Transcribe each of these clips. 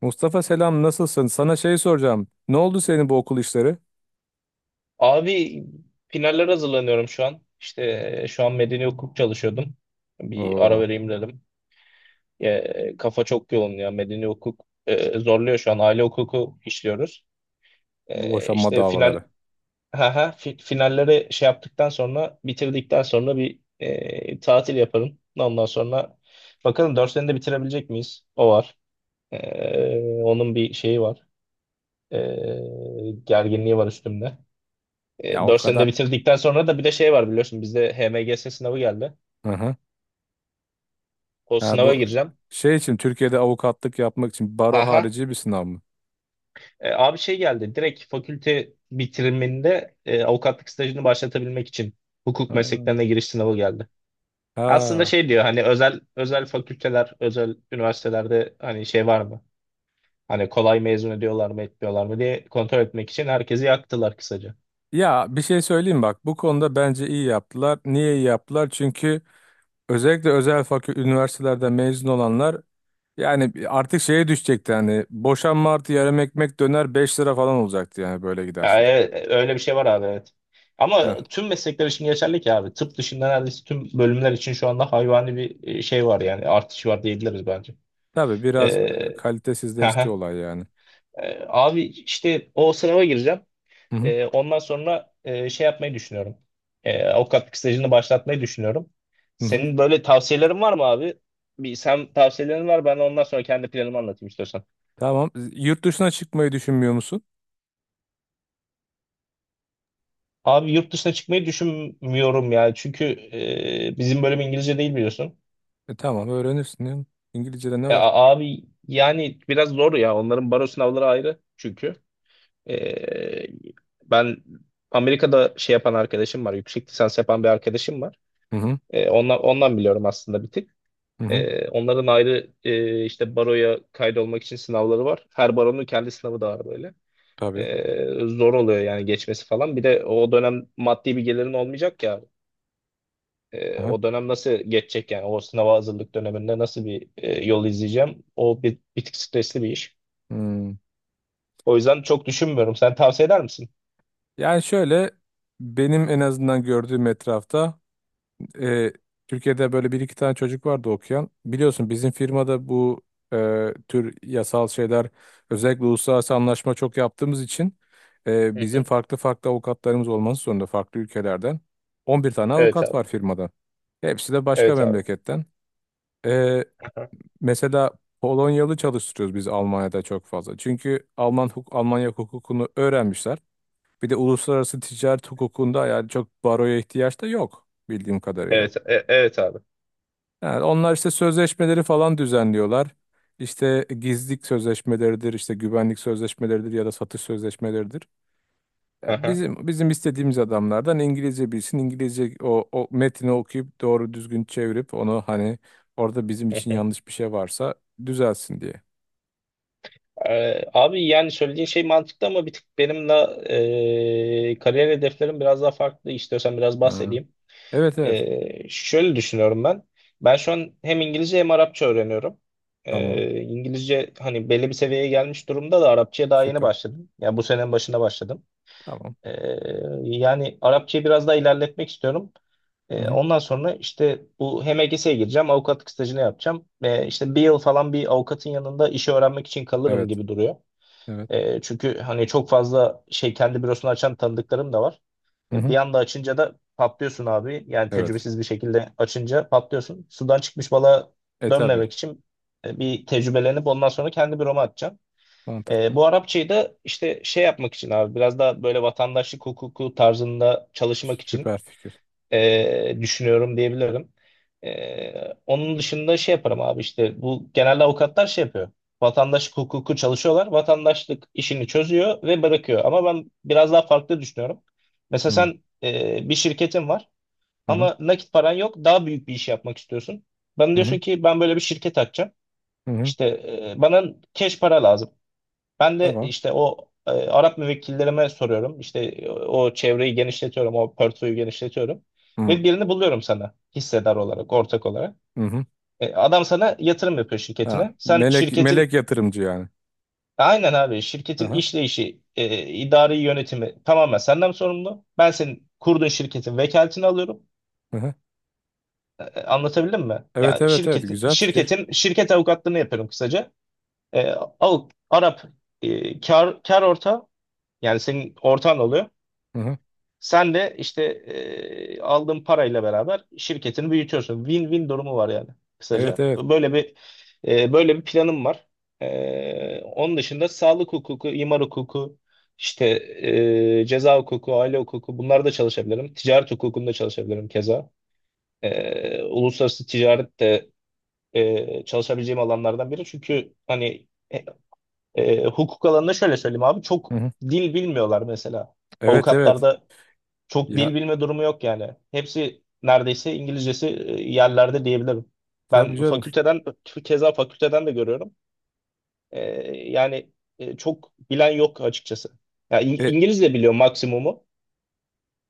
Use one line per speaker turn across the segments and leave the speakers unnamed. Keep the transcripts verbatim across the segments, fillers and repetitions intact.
Mustafa selam nasılsın? Sana şey soracağım. Ne oldu senin bu okul işleri?
Abi finaller hazırlanıyorum şu an. İşte e, şu an medeni hukuk çalışıyordum. Bir ara
Oo,
vereyim dedim. E, kafa çok yoğun ya. Medeni hukuk e, zorluyor şu an. Aile hukuku işliyoruz.
bu
E,
boşanma
işte final
davaları.
ha ha fi- finalleri şey yaptıktan sonra bitirdikten sonra bir e, tatil yaparım. Ondan sonra bakalım dört senede bitirebilecek miyiz? O var. E, onun bir şeyi var. E, gerginliği var üstümde.
Ya
E,
o
dört senede
kadar.
bitirdikten sonra da bir de şey var biliyorsun bizde H M G S sınavı geldi.
Hı hı.
O
Ha,
sınava
bu
gireceğim.
şey için Türkiye'de avukatlık yapmak için baro
Aha.
harici bir sınav mı?
E, abi şey geldi direkt fakülte bitiriminde e, avukatlık stajını başlatabilmek için hukuk
Ha.
mesleklerine giriş sınavı geldi. Aslında
Ha.
şey diyor hani özel özel fakülteler, özel üniversitelerde hani şey var mı? Hani kolay mezun ediyorlar mı etmiyorlar mı diye kontrol etmek için herkesi yaktılar kısaca.
Ya bir şey söyleyeyim bak, bu konuda bence iyi yaptılar. Niye iyi yaptılar? Çünkü özellikle özel fakülte üniversitelerden mezun olanlar, yani artık şeye düşecekti, hani boşanma artı yarım ekmek döner beş lira falan olacaktı yani, böyle
Ya,
giderse.
e, öyle bir şey var abi, evet. Ama tüm meslekler için geçerli ki abi. Tıp dışında neredeyse tüm bölümler için şu anda hayvani bir e, şey var, yani artış var diyebiliriz bence.
Tabii biraz
Ee,
kalitesizleşti
Haha.
olay yani.
Ee, abi işte o sınava gireceğim.
Hı hı.
Ee, ondan sonra e, şey yapmayı düşünüyorum. Ee, avukatlık stajını başlatmayı düşünüyorum.
Hı hı.
Senin böyle tavsiyelerin var mı abi? Bir, sen tavsiyelerin var, ben ondan sonra kendi planımı anlatayım, istiyorsan.
Tamam. Yurt dışına çıkmayı düşünmüyor musun?
Abi, yurt dışına çıkmayı düşünmüyorum ya. Çünkü e, bizim bölüm İngilizce değil, biliyorsun.
E tamam, öğrenirsin ya. İngilizce'de ne
E,
var?
a- abi yani biraz zor ya. Onların baro sınavları ayrı çünkü. E, ben Amerika'da şey yapan arkadaşım var. Yüksek lisans yapan bir arkadaşım var.
Hı hı.
E, ondan, ondan biliyorum aslında bir tık.
Hı hı.
E, onların ayrı e, işte baroya kaydolmak için sınavları var. Her baronun kendi sınavı da var böyle.
Tabii.
E, zor oluyor yani geçmesi falan. Bir de o dönem maddi bir gelirin olmayacak ya. E,
Aha.
o dönem nasıl geçecek yani? O sınava hazırlık döneminde nasıl bir e, yol izleyeceğim? O bir, bir tık stresli bir iş.
Hmm.
O yüzden çok düşünmüyorum. Sen tavsiye eder misin?
Yani şöyle, benim en azından gördüğüm etrafta, e, Türkiye'de böyle bir iki tane çocuk vardı okuyan. Biliyorsun bizim firmada bu e, tür yasal şeyler, özellikle uluslararası anlaşma çok yaptığımız için e,
Hı
bizim
hı.
farklı farklı avukatlarımız olması zorunda farklı ülkelerden. On bir tane
Evet
avukat
abi.
var firmada. Hepsi de başka
Evet abi.
memleketten. E,
Aha.
mesela Polonyalı çalıştırıyoruz biz Almanya'da çok fazla. Çünkü Alman huk Almanya hukukunu öğrenmişler. Bir de uluslararası ticaret hukukunda yani çok baroya ihtiyaç da yok bildiğim kadarıyla.
Evet, e- evet abi.
Yani onlar işte sözleşmeleri falan düzenliyorlar. İşte gizlilik sözleşmeleridir, işte güvenlik sözleşmeleridir ya da satış sözleşmeleridir. Ya
Aha.
bizim bizim istediğimiz adamlardan İngilizce bilsin, İngilizce o, o metni okuyup doğru düzgün çevirip onu, hani orada bizim
Hı
için
hı.
yanlış bir şey varsa düzelsin diye.
Ee, abi yani söylediğin şey mantıklı, ama bir tık benim de e, kariyer hedeflerim biraz daha farklı. İstiyorsan biraz
Ha.
bahsedeyim.
Evet, evet.
Ee, şöyle düşünüyorum ben. Ben şu an hem İngilizce hem Arapça öğreniyorum.
Tamam.
Ee, İngilizce hani belli bir seviyeye gelmiş durumda da, Arapçaya daha yeni
Süper.
başladım. Yani bu senenin başında başladım.
Tamam.
Ee, yani Arapçayı biraz daha ilerletmek istiyorum.
Hı
E,
hı.
ondan sonra işte bu, hem H M G S'ye gireceğim, avukatlık stajını yapacağım. E, işte bir yıl falan bir avukatın yanında işi öğrenmek için kalırım
Evet.
gibi duruyor.
Evet.
E, çünkü hani çok fazla şey, kendi bürosunu açan tanıdıklarım da var.
Hı
E, bir
hı.
anda açınca da patlıyorsun abi. Yani
Evet.
tecrübesiz bir şekilde açınca patlıyorsun. Sudan çıkmış balığa
E tabii.
dönmemek için e, bir tecrübelenip ondan sonra kendi büroma atacağım. E,
Mantıklı.
bu Arapçayı da işte şey yapmak için abi, biraz daha böyle vatandaşlık hukuku tarzında çalışmak için
Süper fikir.
e, düşünüyorum diyebilirim. E, onun dışında şey yaparım abi, işte bu genelde avukatlar şey yapıyor. Vatandaşlık hukuku çalışıyorlar. Vatandaşlık işini çözüyor ve bırakıyor. Ama ben biraz daha farklı düşünüyorum. Mesela
Hı hı.
sen e, bir şirketin var
Hı
ama nakit paran yok. Daha büyük bir iş yapmak istiyorsun. Bana
hı.
diyorsun ki, ben böyle bir şirket açacağım.
Hı hı.
İşte e, bana cash para lazım. Ben de
Tamam.
işte o e, Arap müvekkillerime soruyorum. İşte e, o çevreyi genişletiyorum, o portföyü genişletiyorum.
Hı
Ve birini buluyorum sana, hissedar olarak, ortak olarak.
hı.
E, adam sana yatırım yapıyor
Ha,
şirketine. Sen
melek melek
şirketin,
yatırımcı yani.
aynen abi, şirketin
Aha,
işleyişi, e, idari yönetimi tamamen senden sorumlu. Ben senin kurduğun şirketin vekaletini alıyorum.
aha.
E, e, anlatabildim mi?
Evet,
Yani
evet, evet,
şirketin,
güzel fikir.
şirketin, şirket avukatlığını yapıyorum kısaca. E, avuk, Arap e, kar, kar ortağı, yani senin ortağın oluyor.
Hı hı.
Sen de işte e, aldığın parayla beraber şirketini büyütüyorsun. Win-win durumu var yani
Evet,
kısaca.
evet.
Böyle bir e, böyle bir planım var. E, onun dışında sağlık hukuku, imar hukuku, işte e, ceza hukuku, aile hukuku, bunlarda çalışabilirim. Ticaret hukukunda çalışabilirim keza. E, uluslararası ticaret de e, çalışabileceğim alanlardan biri. Çünkü hani e, e, hukuk alanında şöyle söyleyeyim abi, çok
Hı hı.
dil bilmiyorlar mesela.
Evet, evet.
Avukatlarda çok
Ya
dil bilme durumu yok yani. Hepsi neredeyse, İngilizcesi e, yerlerde diyebilirim.
tabii
Ben
canım.
fakülteden, keza fakülteden de görüyorum. E, yani e, çok bilen yok açıkçası. Ya İng-
E,
İngilizce biliyor maksimumu.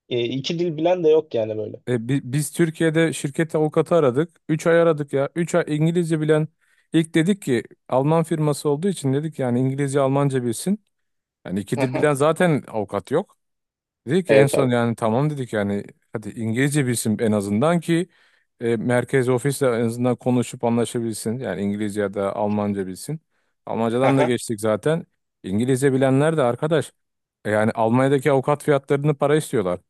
E, iki dil bilen de yok yani böyle.
e, bi- biz Türkiye'de şirket avukatı aradık. Üç ay aradık ya. Üç ay İngilizce bilen, ilk dedik ki Alman firması olduğu için, dedik yani İngilizce Almanca bilsin. Yani
Hı
iki dil
hı.
bilen zaten avukat yok. Dedik ki en
Evet
son
abi.
yani tamam dedik yani, hadi İngilizce bilsin en azından ki e, merkez ofisle en azından konuşup anlaşabilsin. Yani İngilizce ya da Almanca bilsin.
Hı
Almancadan da
hı.
geçtik zaten. İngilizce bilenler de arkadaş, e, yani Almanya'daki avukat fiyatlarını para istiyorlar.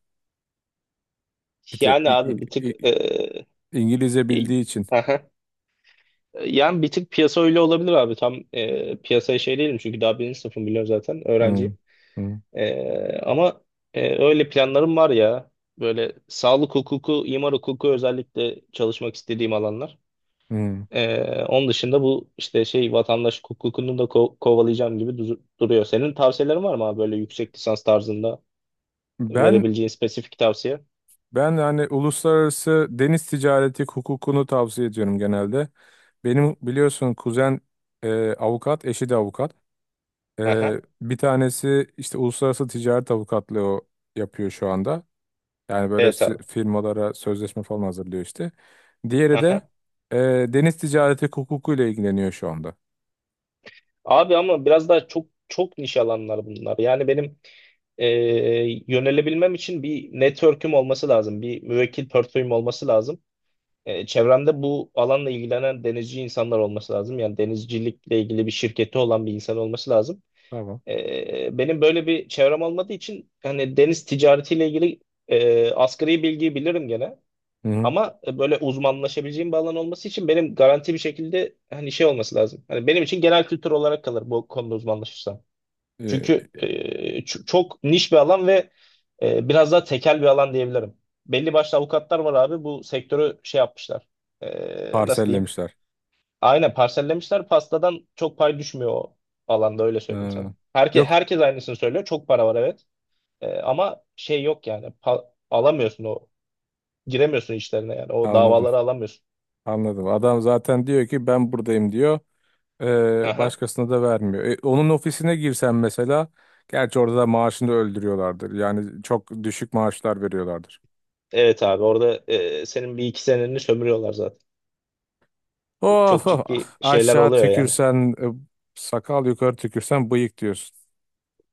Bir tek
Yani
İ-
abi bir
İ-
tık
İ-
e,
İngilizce
e,
bildiği için.
hı hı. Yani bir tık piyasa öyle olabilir abi. Tam e, piyasaya şey değilim, çünkü daha birinci sınıfım, biliyorum zaten
Hı,
öğrenci.
hı,
Ee, ama e, öyle planlarım var ya. Böyle sağlık hukuku, imar hukuku özellikle çalışmak istediğim alanlar.
hı.
Ee, onun dışında bu işte şey, vatandaş hukukunu da ko- kovalayacağım gibi duzu- duruyor. Senin tavsiyelerin var mı abi böyle yüksek lisans tarzında
Ben
verebileceğin spesifik tavsiye?
ben yani uluslararası deniz ticareti hukukunu tavsiye ediyorum genelde. Benim biliyorsun kuzen e, avukat, eşi de avukat. Ee,
Aha.
bir tanesi işte uluslararası ticaret avukatlığı o yapıyor şu anda. Yani böyle
Evet abi.
sü- firmalara sözleşme falan hazırlıyor işte. Diğeri de
Aha.
e, deniz ticareti hukukuyla ilgileniyor şu anda.
Abi ama biraz daha çok çok niş alanlar bunlar. Yani benim e, yönelebilmem için bir network'üm olması lazım. Bir müvekkil portföyüm olması lazım. E, çevremde bu alanla ilgilenen denizci insanlar olması lazım. Yani denizcilikle ilgili bir şirketi olan bir insan olması lazım.
Tamam.
E, benim böyle bir çevrem olmadığı için, hani deniz ticaretiyle ilgili e, asgari bilgiyi bilirim gene.
Hı hı.
Ama e, böyle uzmanlaşabileceğim bir alan olması için benim garanti bir şekilde hani şey olması lazım. Hani benim için genel kültür olarak kalır bu konuda uzmanlaşırsam.
Ee,
Çünkü e, ç- çok niş bir alan ve e, biraz daha tekel bir alan diyebilirim. Belli başlı avukatlar var abi, bu sektörü şey yapmışlar. E, nasıl diyeyim?
Parsellemişler.
Aynen, parsellemişler. Pastadan çok pay düşmüyor o alanda, öyle söyleyeyim sana.
Ha,
Herke,
yok,
herkes aynısını söylüyor. Çok para var, evet. E, ama şey yok yani. Pa- alamıyorsun o. Giremiyorsun işlerine yani. O
anladım.
davaları alamıyorsun.
Anladım. Adam zaten diyor ki ben buradayım diyor. Ee,
Aha.
başkasına da vermiyor. E, onun ofisine girsen mesela, gerçi orada da maaşını öldürüyorlardır. Yani çok düşük maaşlar veriyorlardır.
Evet abi, orada e, senin bir iki seneni sömürüyorlar zaten.
Oh,
Çok
oh,
ciddi
ah.
şeyler
Aşağı
oluyor yani.
tükürsen e, sakal, yukarı tükürsen bıyık diyorsun.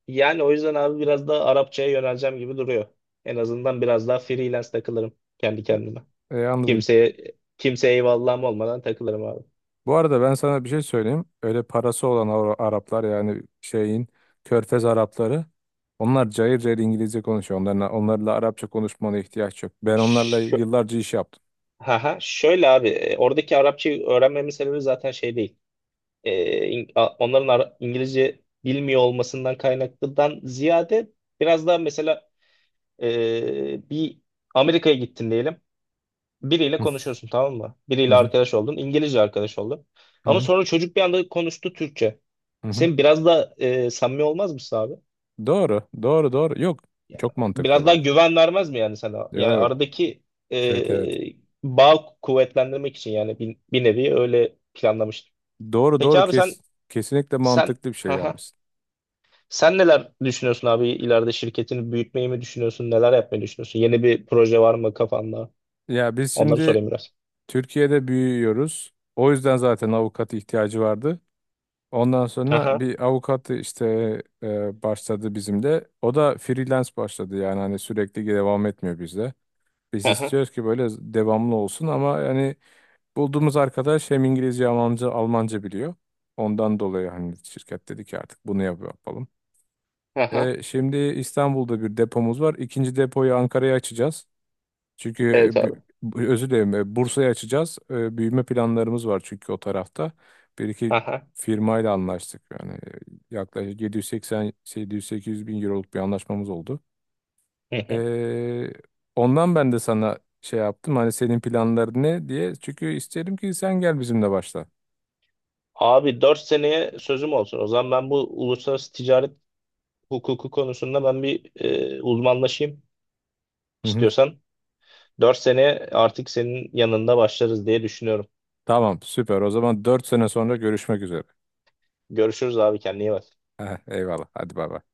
Yani o yüzden abi biraz da Arapçaya yöneleceğim gibi duruyor. En azından biraz daha freelance takılırım kendi kendime.
E, anladım.
Kimseye kimseye eyvallahım olmadan takılırım abi.
Bu arada ben sana bir şey söyleyeyim. Öyle parası olan Ara- Araplar, yani şeyin Körfez Arapları, onlar cayır cayır İngilizce konuşuyor. Onlarla, onlarla Arapça konuşmana ihtiyaç yok. Ben onlarla
Şö
yıllarca iş yaptım.
Haha, şöyle abi, e, oradaki Arapçayı öğrenmemin sebebi zaten şey değil. E, in- a- onların Ara- İngilizce bilmiyor olmasından kaynaklıdan ziyade, biraz daha mesela e, bir Amerika'ya gittin diyelim. Biriyle konuşuyorsun, tamam mı? Biriyle arkadaş oldun. İngilizce arkadaş oldun.
Hı
Ama
hı.
sonra çocuk bir anda konuştu Türkçe.
Hı hı.
Sen biraz da e, samimi olmaz mısın abi?
Doğru, doğru, doğru. Yok,
Ya,
çok mantıklı
biraz daha
bak.
güven vermez mi yani sana? Yani
Yok,
aradaki
evet, evet.
e, bağ kuvvetlendirmek için yani bir, bir nevi öyle planlamıştım.
Doğru,
Peki
doğru.
abi sen
Kes, kesinlikle
sen
mantıklı bir şey
haha.
yapmışsın.
sen neler düşünüyorsun abi, ileride şirketini büyütmeyi mi düşünüyorsun? Neler yapmayı düşünüyorsun? Yeni bir proje var mı kafanda?
Ya biz
Onları
şimdi
sorayım biraz.
Türkiye'de büyüyoruz. O yüzden zaten avukat ihtiyacı vardı. Ondan sonra
Aha,
bir avukat işte e, başladı bizim de. O da freelance başladı yani, hani sürekli devam etmiyor bizde. Biz
aha,
istiyoruz ki böyle devamlı olsun ama yani bulduğumuz arkadaş hem İngilizce, Almanca, Almanca biliyor. Ondan dolayı hani şirket dedi ki artık bunu yap- yapalım.
aha.
E, şimdi İstanbul'da bir depomuz var. İkinci depoyu Ankara'ya açacağız. Çünkü e,
Evet abi.
bü- bu- özür dilerim, e, Bursa'ya açacağız. E, büyüme planlarımız var çünkü o tarafta. Bir iki
Aha.
firmayla anlaştık. Yani e, yaklaşık yedi yüz seksen yedi yüz-sekiz yüz bin euroluk bir anlaşmamız oldu.
Hı hı.
E, ondan ben de sana şey yaptım. Hani senin planların ne diye. Çünkü isterim ki sen gel bizimle başla.
Abi, dört seneye sözüm olsun. O zaman ben bu uluslararası ticaret hukuku konusunda ben bir e, uzmanlaşayım,
Hı hı.
istiyorsan. dört seneye artık senin yanında başlarız diye düşünüyorum.
Tamam, süper. O zaman dört sene sonra görüşmek üzere.
Görüşürüz abi, kendine iyi bak.
Eyvallah. Hadi bay bay.